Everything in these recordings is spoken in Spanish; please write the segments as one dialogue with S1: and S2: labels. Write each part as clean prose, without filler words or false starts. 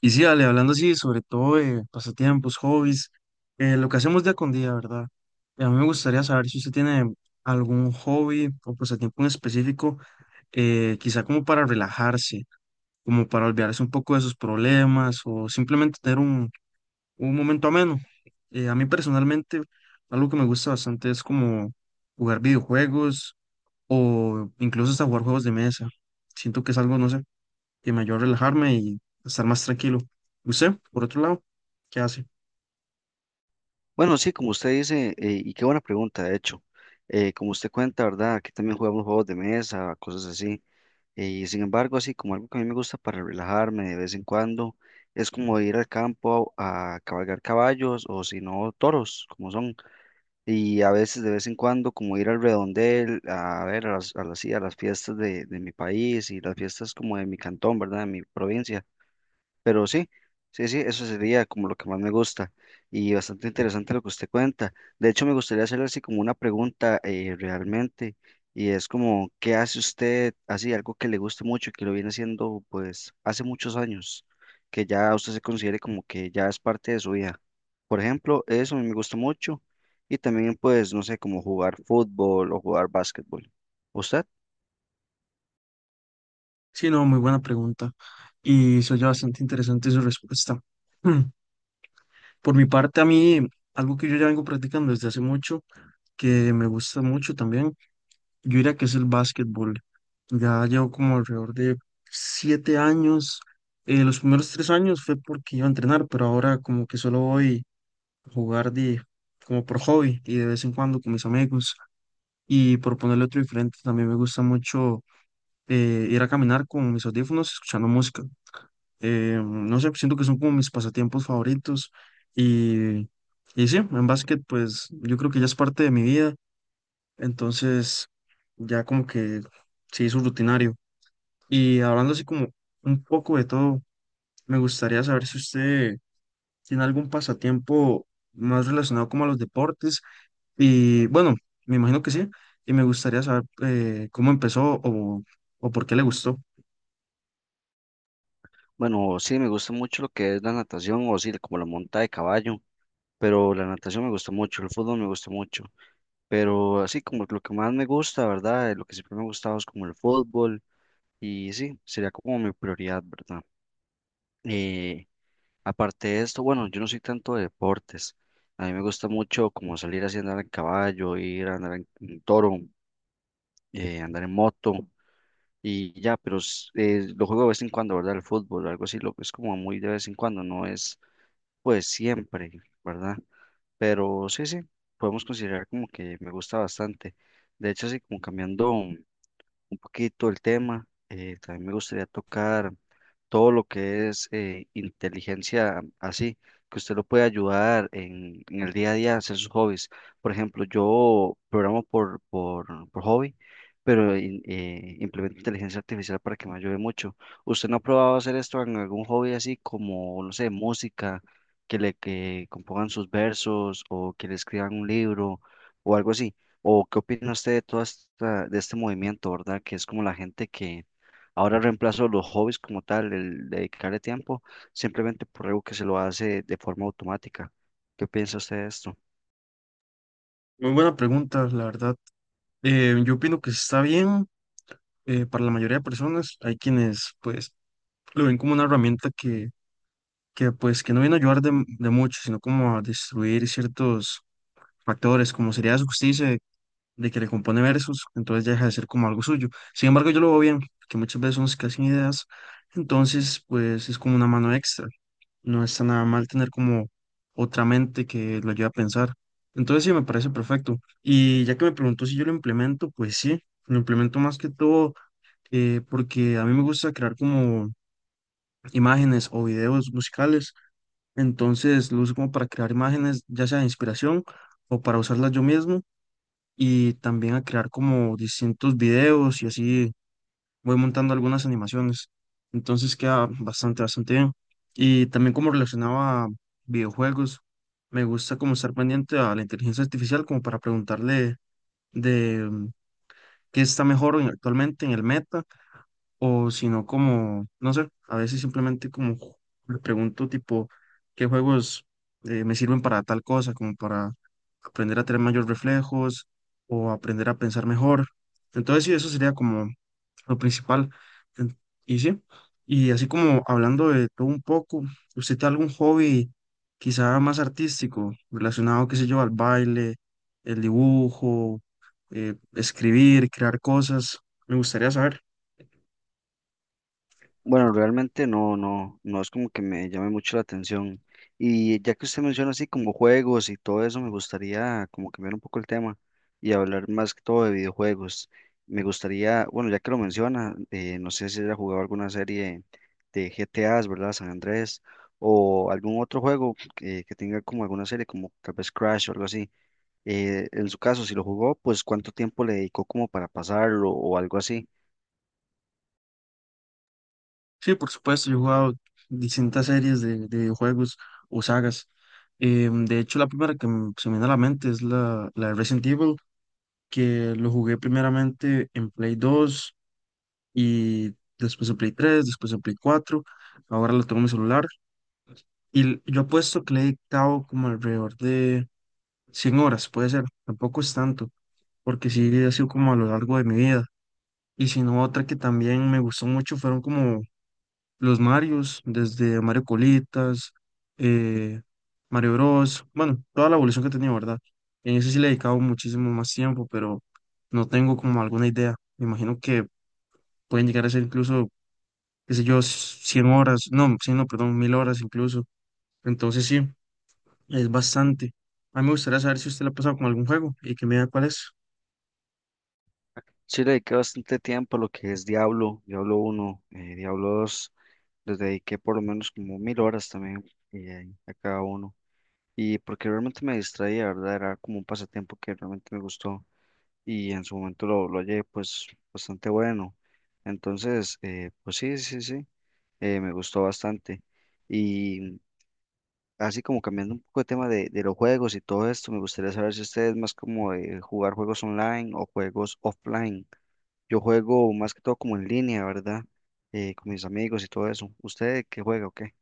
S1: Y sí, Ale, hablando así, sobre todo de pasatiempos, hobbies, lo que hacemos día con día, ¿verdad? Y a mí me gustaría saber si usted tiene algún hobby o pasatiempo en específico, quizá como para relajarse, como para olvidarse un poco de sus problemas o simplemente tener un momento ameno. A mí personalmente, algo que me gusta bastante es como jugar videojuegos o incluso hasta jugar juegos de mesa. Siento que es algo, no sé y me ayudó a relajarme y estar más tranquilo. ¿Usted, por otro lado, qué hace?
S2: Bueno, sí, como usted dice, y qué buena pregunta, de hecho. Como usted cuenta, ¿verdad? Aquí también jugamos juegos de mesa, cosas así. Y sin embargo, así como algo que a mí me gusta para relajarme de vez en cuando, es como ir al campo a cabalgar caballos o si no, toros, como son. Y a veces, de vez en cuando, como ir al redondel, a ver, sí, a las fiestas de mi país y las fiestas como de mi cantón, ¿verdad? De mi provincia. Pero sí, sí, sí, eso sería como lo que más me gusta y bastante interesante lo que usted cuenta. De hecho, me gustaría hacerle así como una pregunta realmente, y es como, ¿qué hace usted así, algo que le guste mucho y que lo viene haciendo pues hace muchos años, que ya usted se considere como que ya es parte de su vida? Por ejemplo, eso a mí me gusta mucho y también pues, no sé, como jugar fútbol o jugar básquetbol. ¿Usted?
S1: Sí, no, muy buena pregunta. Y se oye bastante interesante su respuesta. Hmm. Por mi parte, a mí, algo que yo ya vengo practicando desde hace mucho, que me gusta mucho también, yo diría que es el básquetbol. Ya llevo como alrededor de 7 años. Los primeros 3 años fue porque iba a entrenar, pero ahora como que solo voy a jugar como por hobby y de vez en cuando con mis amigos. Y por ponerle otro diferente, también me gusta mucho ir a caminar con mis audífonos escuchando música. No sé, siento que son como mis pasatiempos favoritos. Y, y sí, en básquet, pues yo creo que ya es parte de mi vida. Entonces, ya como que se hizo rutinario. Y hablando así como un poco de todo, me gustaría saber si usted tiene algún pasatiempo más relacionado como a los deportes. Y bueno, me imagino que sí. Y me gustaría saber cómo empezó o por qué le gustó.
S2: Bueno, sí, me gusta mucho lo que es la natación o sí, como la monta de caballo. Pero la natación me gusta mucho, el fútbol me gusta mucho, pero así como lo que más me gusta, ¿verdad? Lo que siempre me ha gustado es como el fútbol y sí, sería como mi prioridad, ¿verdad? Eh, aparte de esto, bueno, yo no soy tanto de deportes, a mí me gusta mucho como salir así, andar en caballo, ir a andar en, toro, andar en moto y ya, pero lo juego de vez en cuando, ¿verdad? El fútbol, algo así, lo es como muy de vez en cuando, no es pues siempre, ¿verdad? Pero sí, sí, podemos considerar como que me gusta bastante. De hecho, así como cambiando un poquito el tema. También me gustaría tocar todo lo que es inteligencia así, que usted lo puede ayudar en, el día a día a hacer sus hobbies. Por ejemplo, yo programo por hobby, pero implemento inteligencia artificial para que me ayude mucho. ¿Usted no ha probado hacer esto en algún hobby así como, no sé, música, que le que compongan sus versos o que le escriban un libro o algo así? ¿O qué opina usted de todo esta, de este movimiento, verdad? Que es como la gente que ahora reemplaza los hobbies como tal, el dedicarle tiempo, simplemente por algo que se lo hace de forma automática. ¿Qué piensa usted de esto?
S1: Muy buena pregunta, la verdad. Yo opino que está bien para la mayoría de personas. Hay quienes pues lo ven como una herramienta que pues que no viene a ayudar de mucho, sino como a destruir ciertos factores, como sería su justicia de que le compone versos, entonces ya deja de ser como algo suyo. Sin embargo, yo lo veo bien, que muchas veces son escasas ideas, entonces pues es como una mano extra. No está nada mal tener como otra mente que lo ayude a pensar. Entonces sí, me parece perfecto. Y ya que me preguntó si yo lo implemento, pues sí, lo implemento más que todo porque a mí me gusta crear como imágenes o videos musicales. Entonces lo uso como para crear imágenes, ya sea de inspiración o para usarlas yo mismo y también a crear como distintos videos y así voy montando algunas animaciones. Entonces queda bastante, bastante bien. Y también como relacionaba videojuegos, me gusta como estar pendiente a la inteligencia artificial como para preguntarle de qué está mejor actualmente en el meta o si no como, no sé, a veces simplemente como le pregunto tipo qué juegos me sirven para tal cosa, como para aprender a tener mayores reflejos o aprender a pensar mejor. Entonces sí, eso sería como lo principal. En- Y sí, y así como hablando de todo un poco, ¿usted tiene algún hobby quizá más artístico, relacionado, qué sé yo, al baile, el dibujo, escribir, crear cosas? Me gustaría saber.
S2: Bueno, realmente no, no, no es como que me llame mucho la atención. Y ya que usted menciona así como juegos y todo eso, me gustaría como cambiar un poco el tema y hablar más que todo de videojuegos. Me gustaría, bueno, ya que lo menciona, no sé si haya jugado alguna serie de GTAs, ¿verdad? San Andrés, o algún otro juego que tenga como alguna serie, como tal vez Crash o algo así. En su caso, si lo jugó, pues cuánto tiempo le dedicó como para pasarlo o algo así.
S1: Sí, por supuesto, yo he jugado distintas series de videojuegos o sagas. De hecho, la primera que se me viene a la mente es la de Resident Evil, que lo jugué primeramente en Play 2 y después en Play 3, después en Play 4, ahora lo tengo en mi celular y yo apuesto que le he dictado como alrededor de 100 horas, puede ser, tampoco es tanto, porque sí ha sido como a lo largo de mi vida. Y si no, otra que también me gustó mucho fueron como los Marios, desde Mario Colitas, eh, Mario Bros, bueno, toda la evolución que he tenido, ¿verdad? En eso sí le he dedicado muchísimo más tiempo, pero no tengo como alguna idea. Me imagino que pueden llegar a ser incluso qué sé yo, 100 horas, no, 100, no, perdón, 1000 horas incluso. Entonces sí, es bastante. A mí me gustaría saber si usted la ha pasado con algún juego y que me diga cuál es.
S2: Sí, le dediqué bastante tiempo a lo que es Diablo uno, Diablo dos, les dediqué por lo menos como 1.000 horas también, a cada uno. Y porque realmente me distraía, ¿verdad? Era como un pasatiempo que realmente me gustó y en su momento lo hallé pues bastante bueno. Entonces, pues sí, sí, sí, me gustó bastante. Y así como cambiando un poco de tema de los juegos y todo esto, me gustaría saber si ustedes más como de jugar juegos online o juegos offline. Yo juego más que todo como en línea, ¿verdad? Con mis amigos y todo eso. ¿Usted qué juega o qué?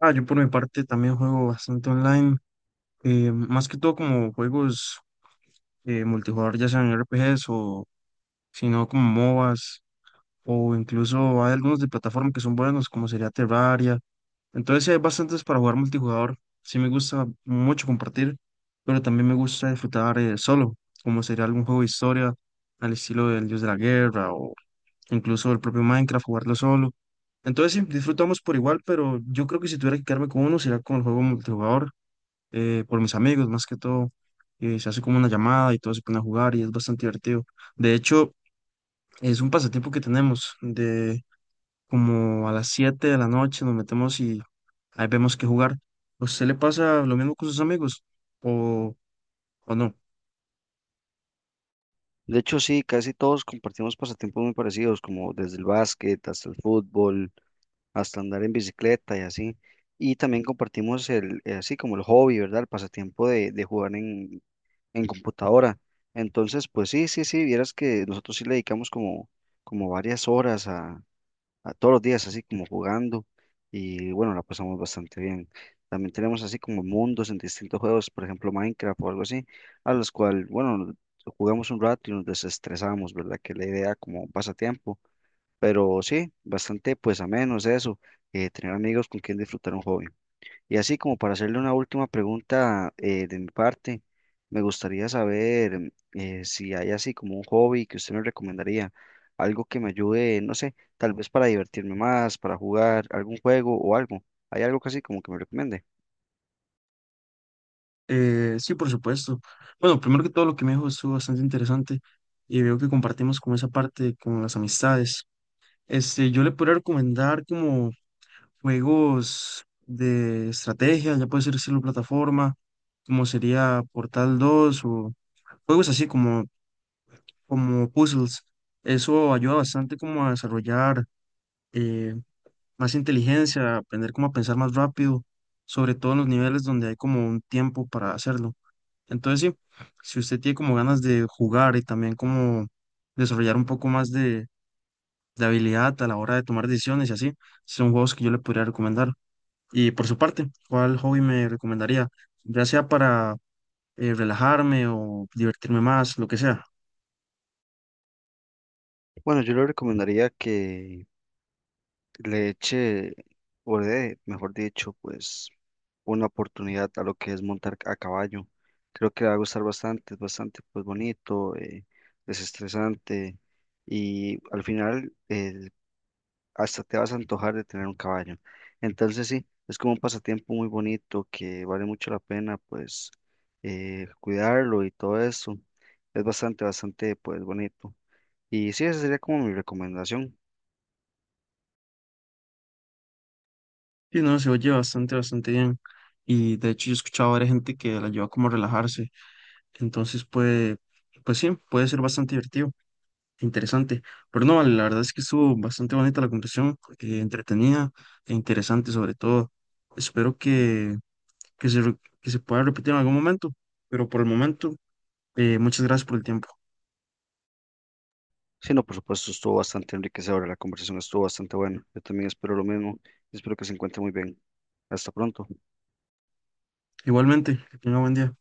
S1: Ah, yo por mi parte también juego bastante online, más que todo como juegos multijugador, ya sean RPGs o si no como MOBAs o incluso hay algunos de plataforma que son buenos como sería Terraria. Entonces sí hay bastantes para jugar multijugador. Sí me gusta mucho compartir, pero también me gusta disfrutar solo, como sería algún juego de historia al estilo del Dios de la Guerra o incluso el propio Minecraft, jugarlo solo. Entonces sí, disfrutamos por igual, pero yo creo que si tuviera que quedarme con uno sería con el juego multijugador, por mis amigos más que todo. Se hace como una llamada y todos se ponen a jugar y es bastante divertido. De hecho, es un pasatiempo que tenemos de como a las 7 de la noche nos metemos y ahí vemos qué jugar. ¿A usted le pasa lo mismo con sus amigos o, o no?
S2: De hecho, sí, casi todos compartimos pasatiempos muy parecidos, como desde el básquet hasta el fútbol, hasta andar en bicicleta y así. Y también compartimos así como el hobby, ¿verdad? El pasatiempo de jugar en, computadora. Entonces, pues sí, sí, sí, vieras que nosotros sí le dedicamos como varias horas todos los días así como jugando y bueno, la pasamos bastante bien. También tenemos así como mundos en distintos juegos, por ejemplo Minecraft o algo así, a los cuales, bueno, jugamos un rato y nos desestresamos, ¿verdad? Que es la idea como un pasatiempo, pero sí, bastante pues a menos eso, tener amigos con quien disfrutar un hobby. Y así como para hacerle una última pregunta de mi parte, me gustaría saber si hay así como un hobby que usted me recomendaría, algo que me ayude, no sé, tal vez para divertirme más, para jugar algún juego o algo. ¿Hay algo que así como que me recomiende?
S1: Sí, por supuesto. Bueno, primero que todo lo que me dijo estuvo bastante interesante y veo que compartimos como esa parte con las amistades. Este, yo le podría recomendar como juegos de estrategia, ya puede ser estilo plataforma, como sería Portal 2 o juegos así como puzzles. Eso ayuda bastante como a desarrollar eh, más inteligencia, aprender cómo a pensar más rápido, sobre todo en los niveles donde hay como un tiempo para hacerlo. Entonces, sí, si usted tiene como ganas de jugar y también como desarrollar un poco más de habilidad a la hora de tomar decisiones y así, son juegos que yo le podría recomendar. Y por su parte, ¿cuál hobby me recomendaría? Ya sea para relajarme o divertirme más, lo que sea.
S2: Bueno, yo le recomendaría que le eché, o le dé, mejor dicho, pues una oportunidad a lo que es montar a caballo. Creo que le va a gustar bastante, es bastante pues bonito, desestresante, y al final hasta te vas a antojar de tener un caballo. Entonces sí, es como un pasatiempo muy bonito que vale mucho la pena pues cuidarlo y todo eso. Es bastante, bastante pues bonito. Y sí, esa sería como mi recomendación.
S1: Y no, se oye bastante, bastante bien. Y de hecho, yo he escuchado a varias gente que la ayuda como a relajarse. Entonces puede, pues sí, puede ser bastante divertido, interesante. Pero no, la verdad es que estuvo bastante bonita la conversación, entretenida e interesante sobre todo. Espero que se pueda repetir en algún momento, pero por el momento, muchas gracias por el tiempo.
S2: Sí, no, por supuesto, estuvo bastante enriquecedora, la conversación estuvo bastante buena. Yo también espero lo mismo y espero que se encuentre muy bien. Hasta pronto.
S1: Igualmente, que tenga buen día.